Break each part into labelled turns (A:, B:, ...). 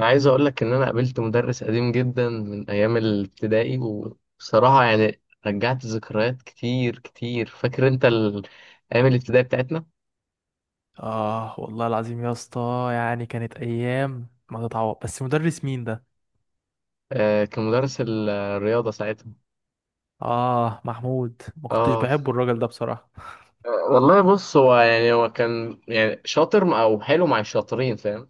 A: انا عايز اقول لك ان انا قابلت مدرس قديم جدا من ايام الابتدائي، وبصراحه يعني رجعت ذكريات كتير كتير. فاكر انت ايام الابتدائي بتاعتنا؟
B: اه، والله العظيم يا اسطى، يعني كانت ايام ما تتعوض. بس مدرس مين ده؟
A: آه، كان مدرس الرياضه ساعتها.
B: اه، محمود. ما كنتش
A: اه.
B: بحبه الراجل ده بصراحه.
A: آه، والله بص، هو كان يعني شاطر او حلو مع الشاطرين، فاهم؟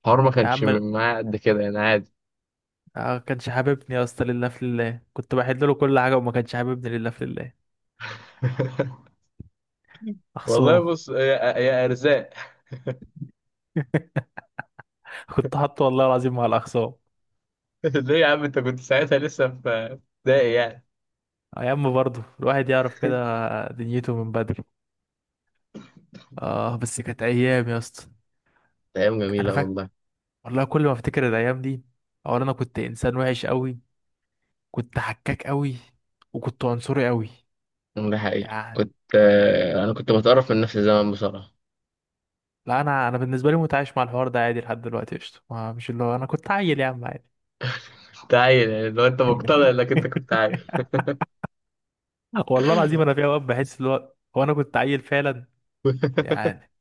A: الحوار ما
B: يا
A: كانش
B: عم ما.
A: معاه قد كده، يعني عادي.
B: آه، كانش حاببني يا اسطى، لله في لله كنت بحل له كل حاجه وما كانش حاببني لله في لله.
A: والله
B: اخصام.
A: بص يا ارزاق.
B: كنت حاطه والله العظيم مع الاخصام.
A: ليه يا عم، انت كنت ساعتها لسه في ابتدائي يعني؟
B: ايام، برضه الواحد يعرف كده دنيته من بدري. اه، بس كانت ايام يا اسطى.
A: ايام
B: انا
A: جميله
B: فاكر،
A: والله.
B: والله كل ما افتكر الايام دي، اولا انا كنت انسان وحش قوي، كنت حكاك قوي، وكنت عنصري قوي.
A: ده حقيقة
B: يعني
A: كنت، أنا كنت بتقرف من نفسي زمان بصراحة.
B: لا، انا بالنسبه لي متعايش مع الحوار ده عادي لحد دلوقتي قشطه، مش اللي هو انا كنت عيل يا عم عادي.
A: كنت عيل، يعني لو أنت مقتنع إنك أنت كنت عيل.
B: والله العظيم انا في اوقات بحس اللي هو انا كنت عيل فعلا. يعني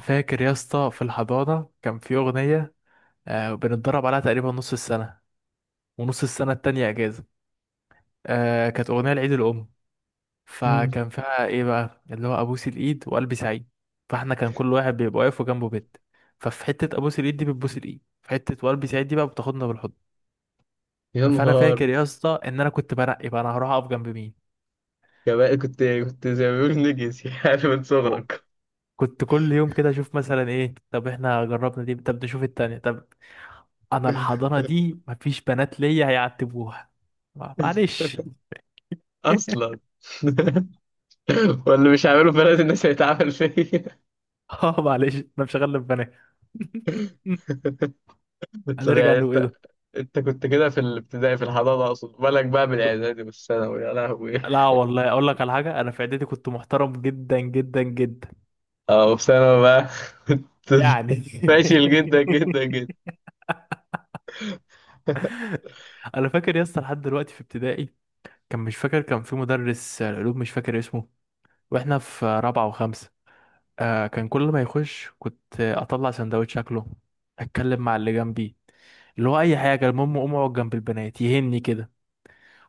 B: فاكر يا اسطى في الحضانه كان في اغنيه، آه بنتدرب عليها تقريبا نص السنه، ونص السنه التانية اجازه. آه، كانت اغنيه لعيد الام،
A: مم.
B: فكان فيها ايه بقى اللي هو ابوس الايد وقلبي سعيد. فاحنا كان كل واحد بيبقى واقف وجنبه بنت، ففي حته ابوس الايد دي بتبوس الايد، في حته وقلبي سعيد دي بقى بتاخدنا بالحضن.
A: يا
B: فانا
A: نهار.
B: فاكر يا اسطى ان انا كنت بنقي بقى انا هروح اقف جنب مين.
A: يا بقى كنت زي ما بيقولوا نجس، يعني من
B: و-
A: صغرك.
B: كنت كل يوم كده اشوف مثلا ايه، طب احنا جربنا دي، طب نشوف التانية، طب انا الحضانة دي مفيش بنات ليا هيعتبوها. معلش.
A: أصلا. واللي مش هعمله في بلد الناس هيتعامل فيا.
B: اه، معلش انا مش هغلب بنات.
A: طب
B: هنرجع
A: يعني
B: نقول ايه
A: أنت
B: ده.
A: أنت كنت كده في الابتدائي؟ في الحضانة أقصد. بالك بقى من الإعدادي والثانوي يا لهوي.
B: لا والله اقول لك على حاجة، انا في اعدادي كنت محترم جدا جدا جدا.
A: أه، وفي ثانوي بقى؟ كنت
B: يعني
A: فاشل جدا جدا جدا.
B: انا فاكر يا اسطى لحد دلوقتي في ابتدائي، كان مش فاكر، كان في مدرس العلوم مش فاكر اسمه، واحنا في رابعة وخمسة. آه، كان كل ما يخش كنت اطلع سندوتش اكله، اتكلم مع اللي جنبي، اللي هو اي حاجة. المهم اقوم اقعد جنب البنات يهني كده.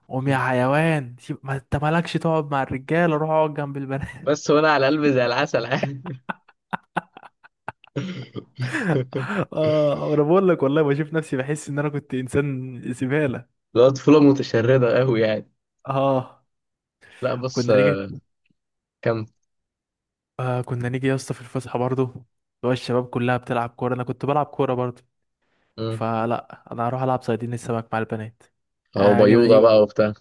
B: قوم يا حيوان، ما انت مالكش تقعد مع الرجالة، روح اقعد جنب البنات.
A: بس وانا على قلبي زي العسل، عادي.
B: اه، انا بقول لك والله بشوف نفسي، بحس ان انا كنت انسان زبالة.
A: لا، طفولة متشردة قوي يعني.
B: اه،
A: لا بص،
B: كنا نيجي.
A: كم.
B: آه، كنا نيجي يا اسطى في الفسحة، برضه اللي هو الشباب كلها بتلعب كورة، انا كنت بلعب كورة برضه.
A: مم.
B: فلا، انا هروح العب صيادين السمك مع البنات،
A: اهو
B: آه كده.
A: بيوضة بقى وبتاع.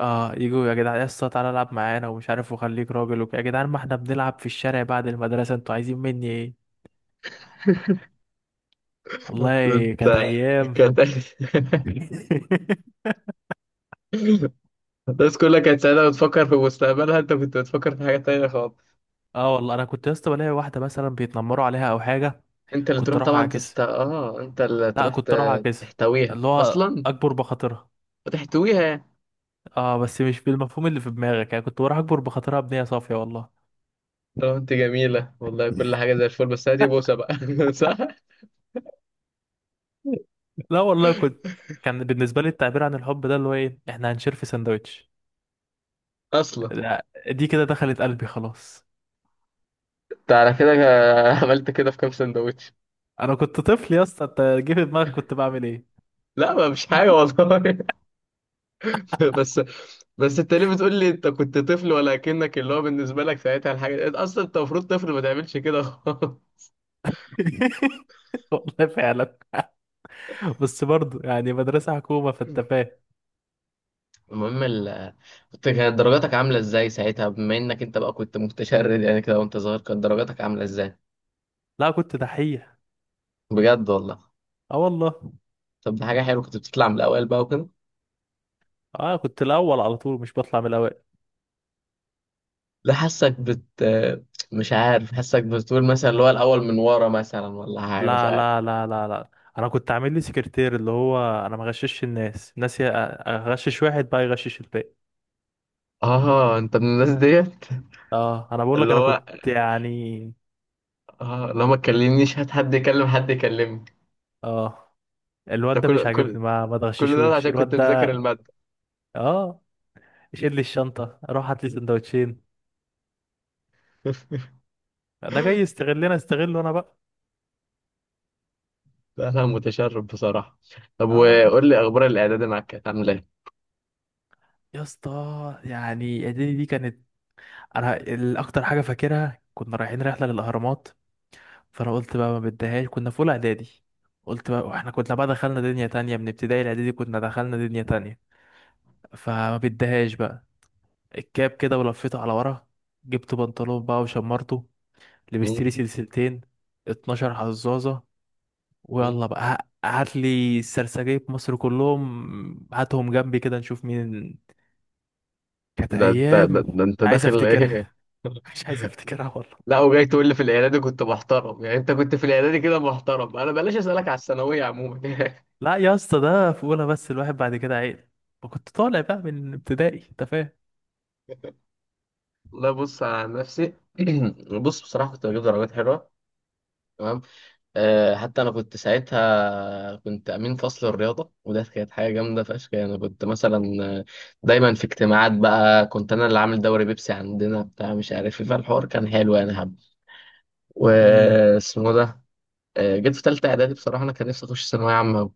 B: اه، يجوا يا جدعان يا اسطى تعالى العب معانا ومش عارف وخليك راجل يا جدعان ما احنا بنلعب في الشارع بعد المدرسة، انتوا عايزين مني ايه. والله كانت
A: انت
B: ايام.
A: كانت الناس كلها كانت سعيدة بتفكر في مستقبلها، انت كنت بتفكر في حاجة تانية خالص.
B: اه، والله انا كنت يا اسطى بلاقي واحدة مثلا بيتنمروا عليها او حاجة، كنت اروح اعكسها.
A: انت اللي
B: لا،
A: تروح
B: كنت اروح اعكسها
A: تحتويها
B: اللي هو
A: اصلا.
B: اكبر بخاطرها.
A: وتحتويها يعني.
B: اه، بس مش بالمفهوم اللي في دماغك، يعني كنت بروح اكبر بخاطرها بنية صافية والله.
A: طب انت جميلة والله، كل حاجة زي الفل، بس هاتي بوسة بقى صح؟
B: لا والله كنت، كان بالنسبة لي التعبير عن الحب ده اللي هو ايه، احنا هنشير في سندوتش.
A: اصلا.
B: لا، دي كده دخلت قلبي خلاص.
A: انت على كده، عملت كده في كام سندوتش؟
B: انا كنت طفل يا اسطى، انت جه في دماغك كنت بعمل ايه.
A: لا ما مش حاجة والله. بس، بس انت ليه بتقول لي انت كنت طفل؟ ولا كأنك اللي هو بالنسبة لك ساعتها الحاجة دي اصلا، انت المفروض طفل ما تعملش كده خالص.
B: والله فعلا. بس برضه يعني مدرسه حكومه فانت فاهم.
A: المهم كانت درجاتك عاملة ازاي ساعتها؟ بما انك انت بقى كنت متشرد يعني كده وانت صغير، كانت درجاتك عاملة ازاي؟
B: لا، كنت دحيح.
A: بجد والله؟
B: اه والله.
A: طب دي حاجة حلوة، كنت بتطلع من الأوائل بقى وكده؟
B: اه، كنت الاول على طول، مش بطلع من الاوائل.
A: لا، حاسك مش عارف، حاسك بتقول مثلا اللي هو الأول من ورا مثلا ولا حاجة، مش
B: لا
A: عارف.
B: لا لا لا لا. انا كنت عامل لي سكرتير اللي هو انا ما غششش الناس، الناس اغشش واحد بقى يغشش الباقي.
A: اه، انت من الناس ديت.
B: اه، انا بقول لك
A: اللي
B: انا
A: هو،
B: كنت يعني.
A: اه لو ما تكلمنيش هات حد يكلم حد يكلمني.
B: اه،
A: ده
B: الواد ده مش
A: كل كل
B: عاجبني، ما
A: كل ده
B: تغششوش
A: عشان كنت
B: الواد
A: مذاكر
B: ده.
A: المادة.
B: اه، شيل لي الشنطه، روح هات لي سندوتشين. ده جاي يستغلنا، استغله انا بقى.
A: لا، لا، متشرب بصراحة. طب
B: اه،
A: وقول لي أخبار الإعداد معاك كانت عاملة إيه؟
B: يا اسطى يعني اعدادي دي كانت، انا الاكتر حاجه فاكرها كنا رايحين رحله للاهرامات. فانا قلت بقى ما بديهاش، كنا في اولى اعدادي. قلت بقى، واحنا كنا بقى دخلنا دنيا تانية من ابتدائي، الاعدادي كنا دخلنا دنيا تانية. فما بديهاش بقى. الكاب كده ولفيته على ورا، جبت بنطلون بقى وشمرته، لبست
A: مم،
B: لي سلسلتين، 12 حزازه.
A: مم.
B: ويلا بقى، هات لي السرسجيه في مصر كلهم هاتهم جنبي كده نشوف مين. كانت ايام
A: ده
B: مش
A: أنت
B: عايز
A: داخل إيه؟
B: افتكرها. مش عايز افتكرها والله.
A: لا، وجاي تقول لي في الإعدادي كنت محترم؟ يعني أنت كنت في الإعدادي كده محترم، أنا بلاش أسألك على الثانوية عموما
B: لا يا اسطى، ده في اولى بس، الواحد بعد كده عيل، كنت طالع بقى من ابتدائي انت فاهم.
A: لا بص على نفسي بص بصراحة كنت بجيب درجات حلوة. تمام. حتى انا كنت امين فصل الرياضه، وده كانت حاجه جامده فشخ، يعني كنت مثلا، دايما في اجتماعات بقى، كنت انا اللي عامل دوري بيبسي عندنا بتاع مش عارف ايه، فالحوار كان حلو يعني حب.
B: امم
A: واسمه ده. جيت في ثالثه اعدادي، بصراحه انا كان نفسي اخش ثانويه عامه أوي.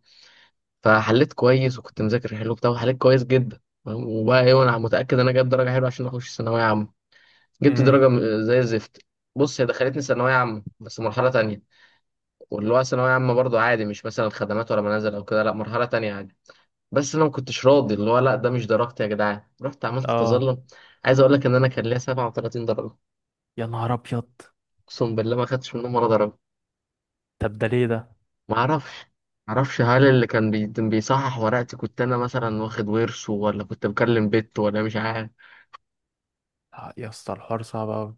A: فحليت كويس، وكنت مذاكر حلو بتاع، وحليت كويس جدا، فاهم؟ وبقى ايه، وانا متاكد ان انا جايب درجه حلوه عشان اخش ثانويه عامه. جبت
B: امم
A: درجه زي الزفت. بص، هي دخلتني ثانويه عامه بس مرحله تانية. واللي هو ثانوية عامة برضه عادي، مش مثلا خدمات ولا منازل أو كده، لأ مرحلة تانية عادي. بس أنا ما كنتش راضي، اللي هو لأ ده مش درجتي يا جدعان، رحت عملت
B: اه،
A: تظلم. عايز أقول لك إن أنا كان ليا 37 درجة.
B: يا نهار ابيض.
A: أقسم بالله ما خدتش منهم ولا درجة.
B: طب ده ليه ده؟
A: ما أعرفش. ما أعرفش، هل اللي كان بيصحح ورقتي كنت أنا مثلا واخد ورثه، ولا كنت بكلم بت، ولا مش عارف.
B: يا اسطى الحوار صعب قوي.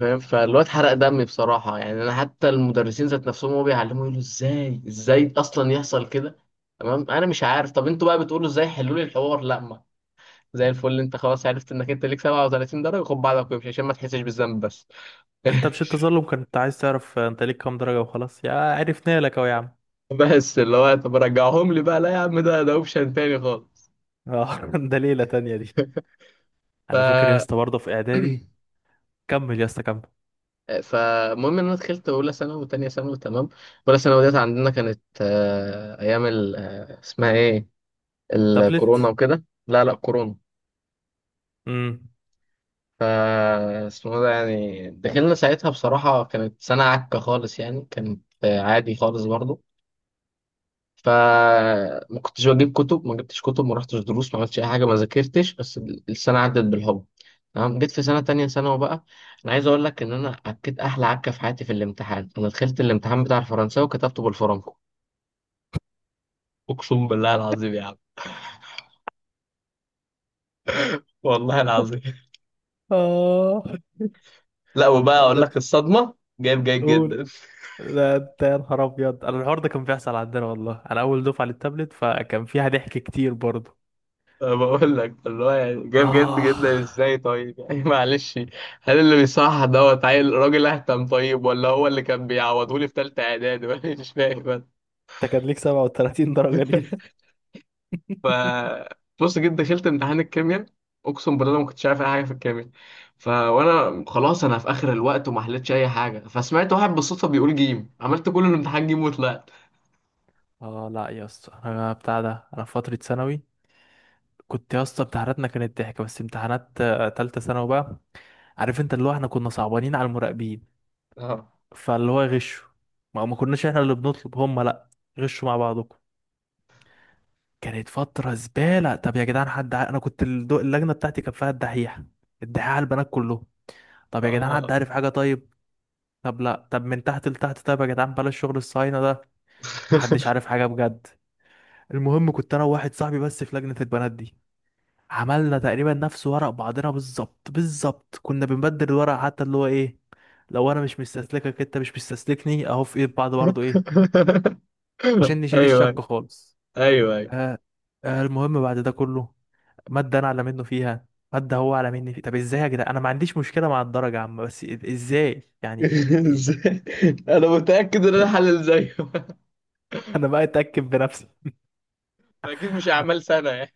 A: فاهم، فالواد حرق دمي بصراحة، يعني أنا حتى المدرسين ذات نفسهم هو بيعلموا يقولوا إزاي، إزاي أصلا يحصل كده. تمام، أنا مش عارف، طب أنتوا بقى بتقولوا إزاي؟ حلوا لي الحوار. لأ، زي الفل، انت خلاص عرفت انك انت ليك 37 درجه، خد بعضك وامشي عشان ما تحسش بالذنب بس.
B: انت مش التظلم كنت عايز تعرف انت ليك كام درجه؟ وخلاص، يا عرفنا لك اهو يا عم.
A: بس اللي هو طب رجعهم لي بقى، لا يا عم، ده اوبشن تاني خالص.
B: اه ده ليله تانية دي.
A: ف
B: انا فاكر يا اسطى برضه في اعدادي. كمل يا اسطى، كمل.
A: فالمهم ان انا دخلت اولى ثانوي وثانيه ثانوي، تمام. اولى ثانوي ديت عندنا كانت، ايام اسمها ايه، الكورونا
B: تابلت.
A: وكده. لا، لا، كورونا.
B: امم
A: ف اسمه ده، يعني دخلنا ساعتها بصراحه كانت سنه عكه خالص، يعني كانت عادي خالص برضه. فما كنتش بجيب كتب، ما جبتش كتب، ما رحتش دروس، ما عملتش اي حاجه، ما ذاكرتش بس. السنه عدت بالحب. تمام، جيت في سنه تانية ثانوي بقى. انا عايز اقول لك ان انا عكيت احلى عكه في حياتي في الامتحان، انا دخلت الامتحان بتاع الفرنساوي وكتبته بالفرنكو. اقسم بالله العظيم يا عم. والله العظيم.
B: اه،
A: لا وبقى
B: لا
A: اقول
B: ده.
A: لك الصدمه، جايب جيد جدا
B: قول. ده انت يا نهار ابيض، انا الحوار ده كان بيحصل عندنا والله، انا اول دفعه للتابلت، فكان فيها ضحك كتير برضه.
A: أنا بقول لك اللي هو يعني جايب جد
B: اه،
A: جدا ازاي طيب يعني معلش. هل اللي بيصحح دوت عيل راجل اهتم طيب، ولا هو اللي كان بيعوضهولي في تالتة اعدادي ولا مش فاهم.
B: انت كان ليك 37 درجة دي.
A: ف بص، جيت دخلت امتحان الكيمياء. اقسم بالله ما كنتش عارف اي حاجه في الكيمياء. وانا خلاص، انا في اخر الوقت وما حلتش اي حاجه، فسمعت واحد بالصدفه بيقول جيم، عملت كل الامتحان جيم وطلعت.
B: اه، لا يا اسطى، انا بتاع ده. انا في فتره ثانوي كنت يا اسطى امتحاناتنا كانت ضحك، بس امتحانات تالتة ثانوي بقى، عارف انت اللي هو احنا كنا صعبانين على المراقبين،
A: اه.
B: فاللي هو غشوا. ما كناش احنا اللي بنطلب هم، لا، غشوا مع بعضكم. كانت فتره زباله. طب يا جدعان حد انا كنت اللجنه بتاعتي كان فيها الدحيح، الدحيح على البنات كلهم. طب يا جدعان حد
A: آه.
B: عارف حاجة طيب؟ طب لا، طب من تحت لتحت، طيب يا جدعان بلاش شغل الصهاينة ده، محدش عارف حاجة بجد. المهم كنت انا وواحد صاحبي بس في لجنة البنات دي، عملنا تقريبا نفس ورق بعضنا بالظبط بالظبط، كنا بنبدل الورق حتى اللي هو ايه، لو انا مش مستسلكك انت مش مستسلكني اهو في ايد بعض برضه ايه،
A: ايوه،
B: عشان نشيل
A: ايوه،
B: الشك خالص.
A: ايوه.
B: آه المهم بعد ده كله، مادة انا اعلى منه فيها، مادة هو اعلى مني فيها. طب ازاي يا جدعان؟ انا ما عنديش مشكلة مع الدرجة يا عم، بس ازاي يعني.
A: ازاي؟ انا متاكد ان انا حلل زيه.
B: انا بقى اتاكد بنفسي.
A: اكيد مش
B: اه
A: اعمال سنه يعني.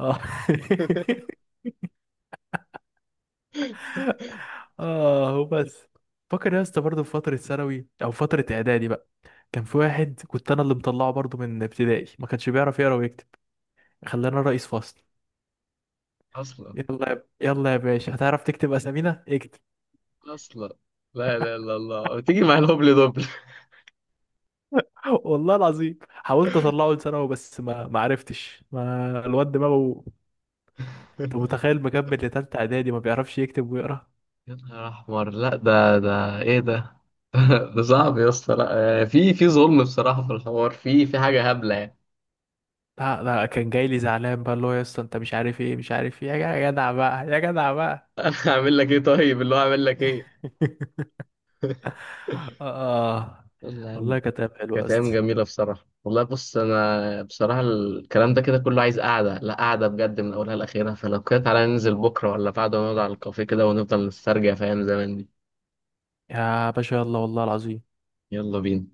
B: اه، وبس. فاكر يا اسطى برضه في فتره ثانوي او فتره اعدادي بقى، كان في واحد كنت انا اللي مطلعه برضه من ابتدائي، ما كانش بيعرف يقرا ويكتب، خلانا رئيس فصل.
A: اصلا،
B: يلا يا باشا، هتعرف تكتب اسامينا، اكتب.
A: اصلا. لا، لا، لا، الله تيجي مع الهبل دبل.
B: والله العظيم حاولت اطلعه لثانوي بس ما عرفتش، ما الواد دماغه. انت متخيل مكمل لتالتة اعدادي ما بيعرفش يكتب ويقرا.
A: يا نهار احمر، لا ده ايه ده؟ ده صعب يا اسطى. لا، في ظلم بصراحه، في الحوار في حاجه هبله يعني.
B: لا لا، كان جاي لي زعلان بقى اللي هو يا اسطى انت مش عارف ايه، مش عارف ايه يا جدع بقى يا جدع بقى.
A: هعمل لك ايه طيب؟ اللي هو هعمل لك ايه؟
B: آه
A: يلا يا عم.
B: والله كانت أيام حلوة يا
A: كانت ايام
B: اسطى.
A: جميله بصراحه والله. بص، انا بصراحه الكلام ده كده كله عايز قعده، لا قعده بجد من اولها لاخرها، فلو كده تعالى ننزل بكره ولا بعد ونقعد على الكافيه كده ونفضل نسترجع في ايام زمان دي.
B: يا باشا يلا، والله العظيم.
A: يلا بينا.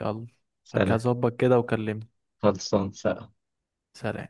B: يلا.
A: سلام.
B: هظبط كده وكلمني.
A: خلصان، سلام.
B: سلام.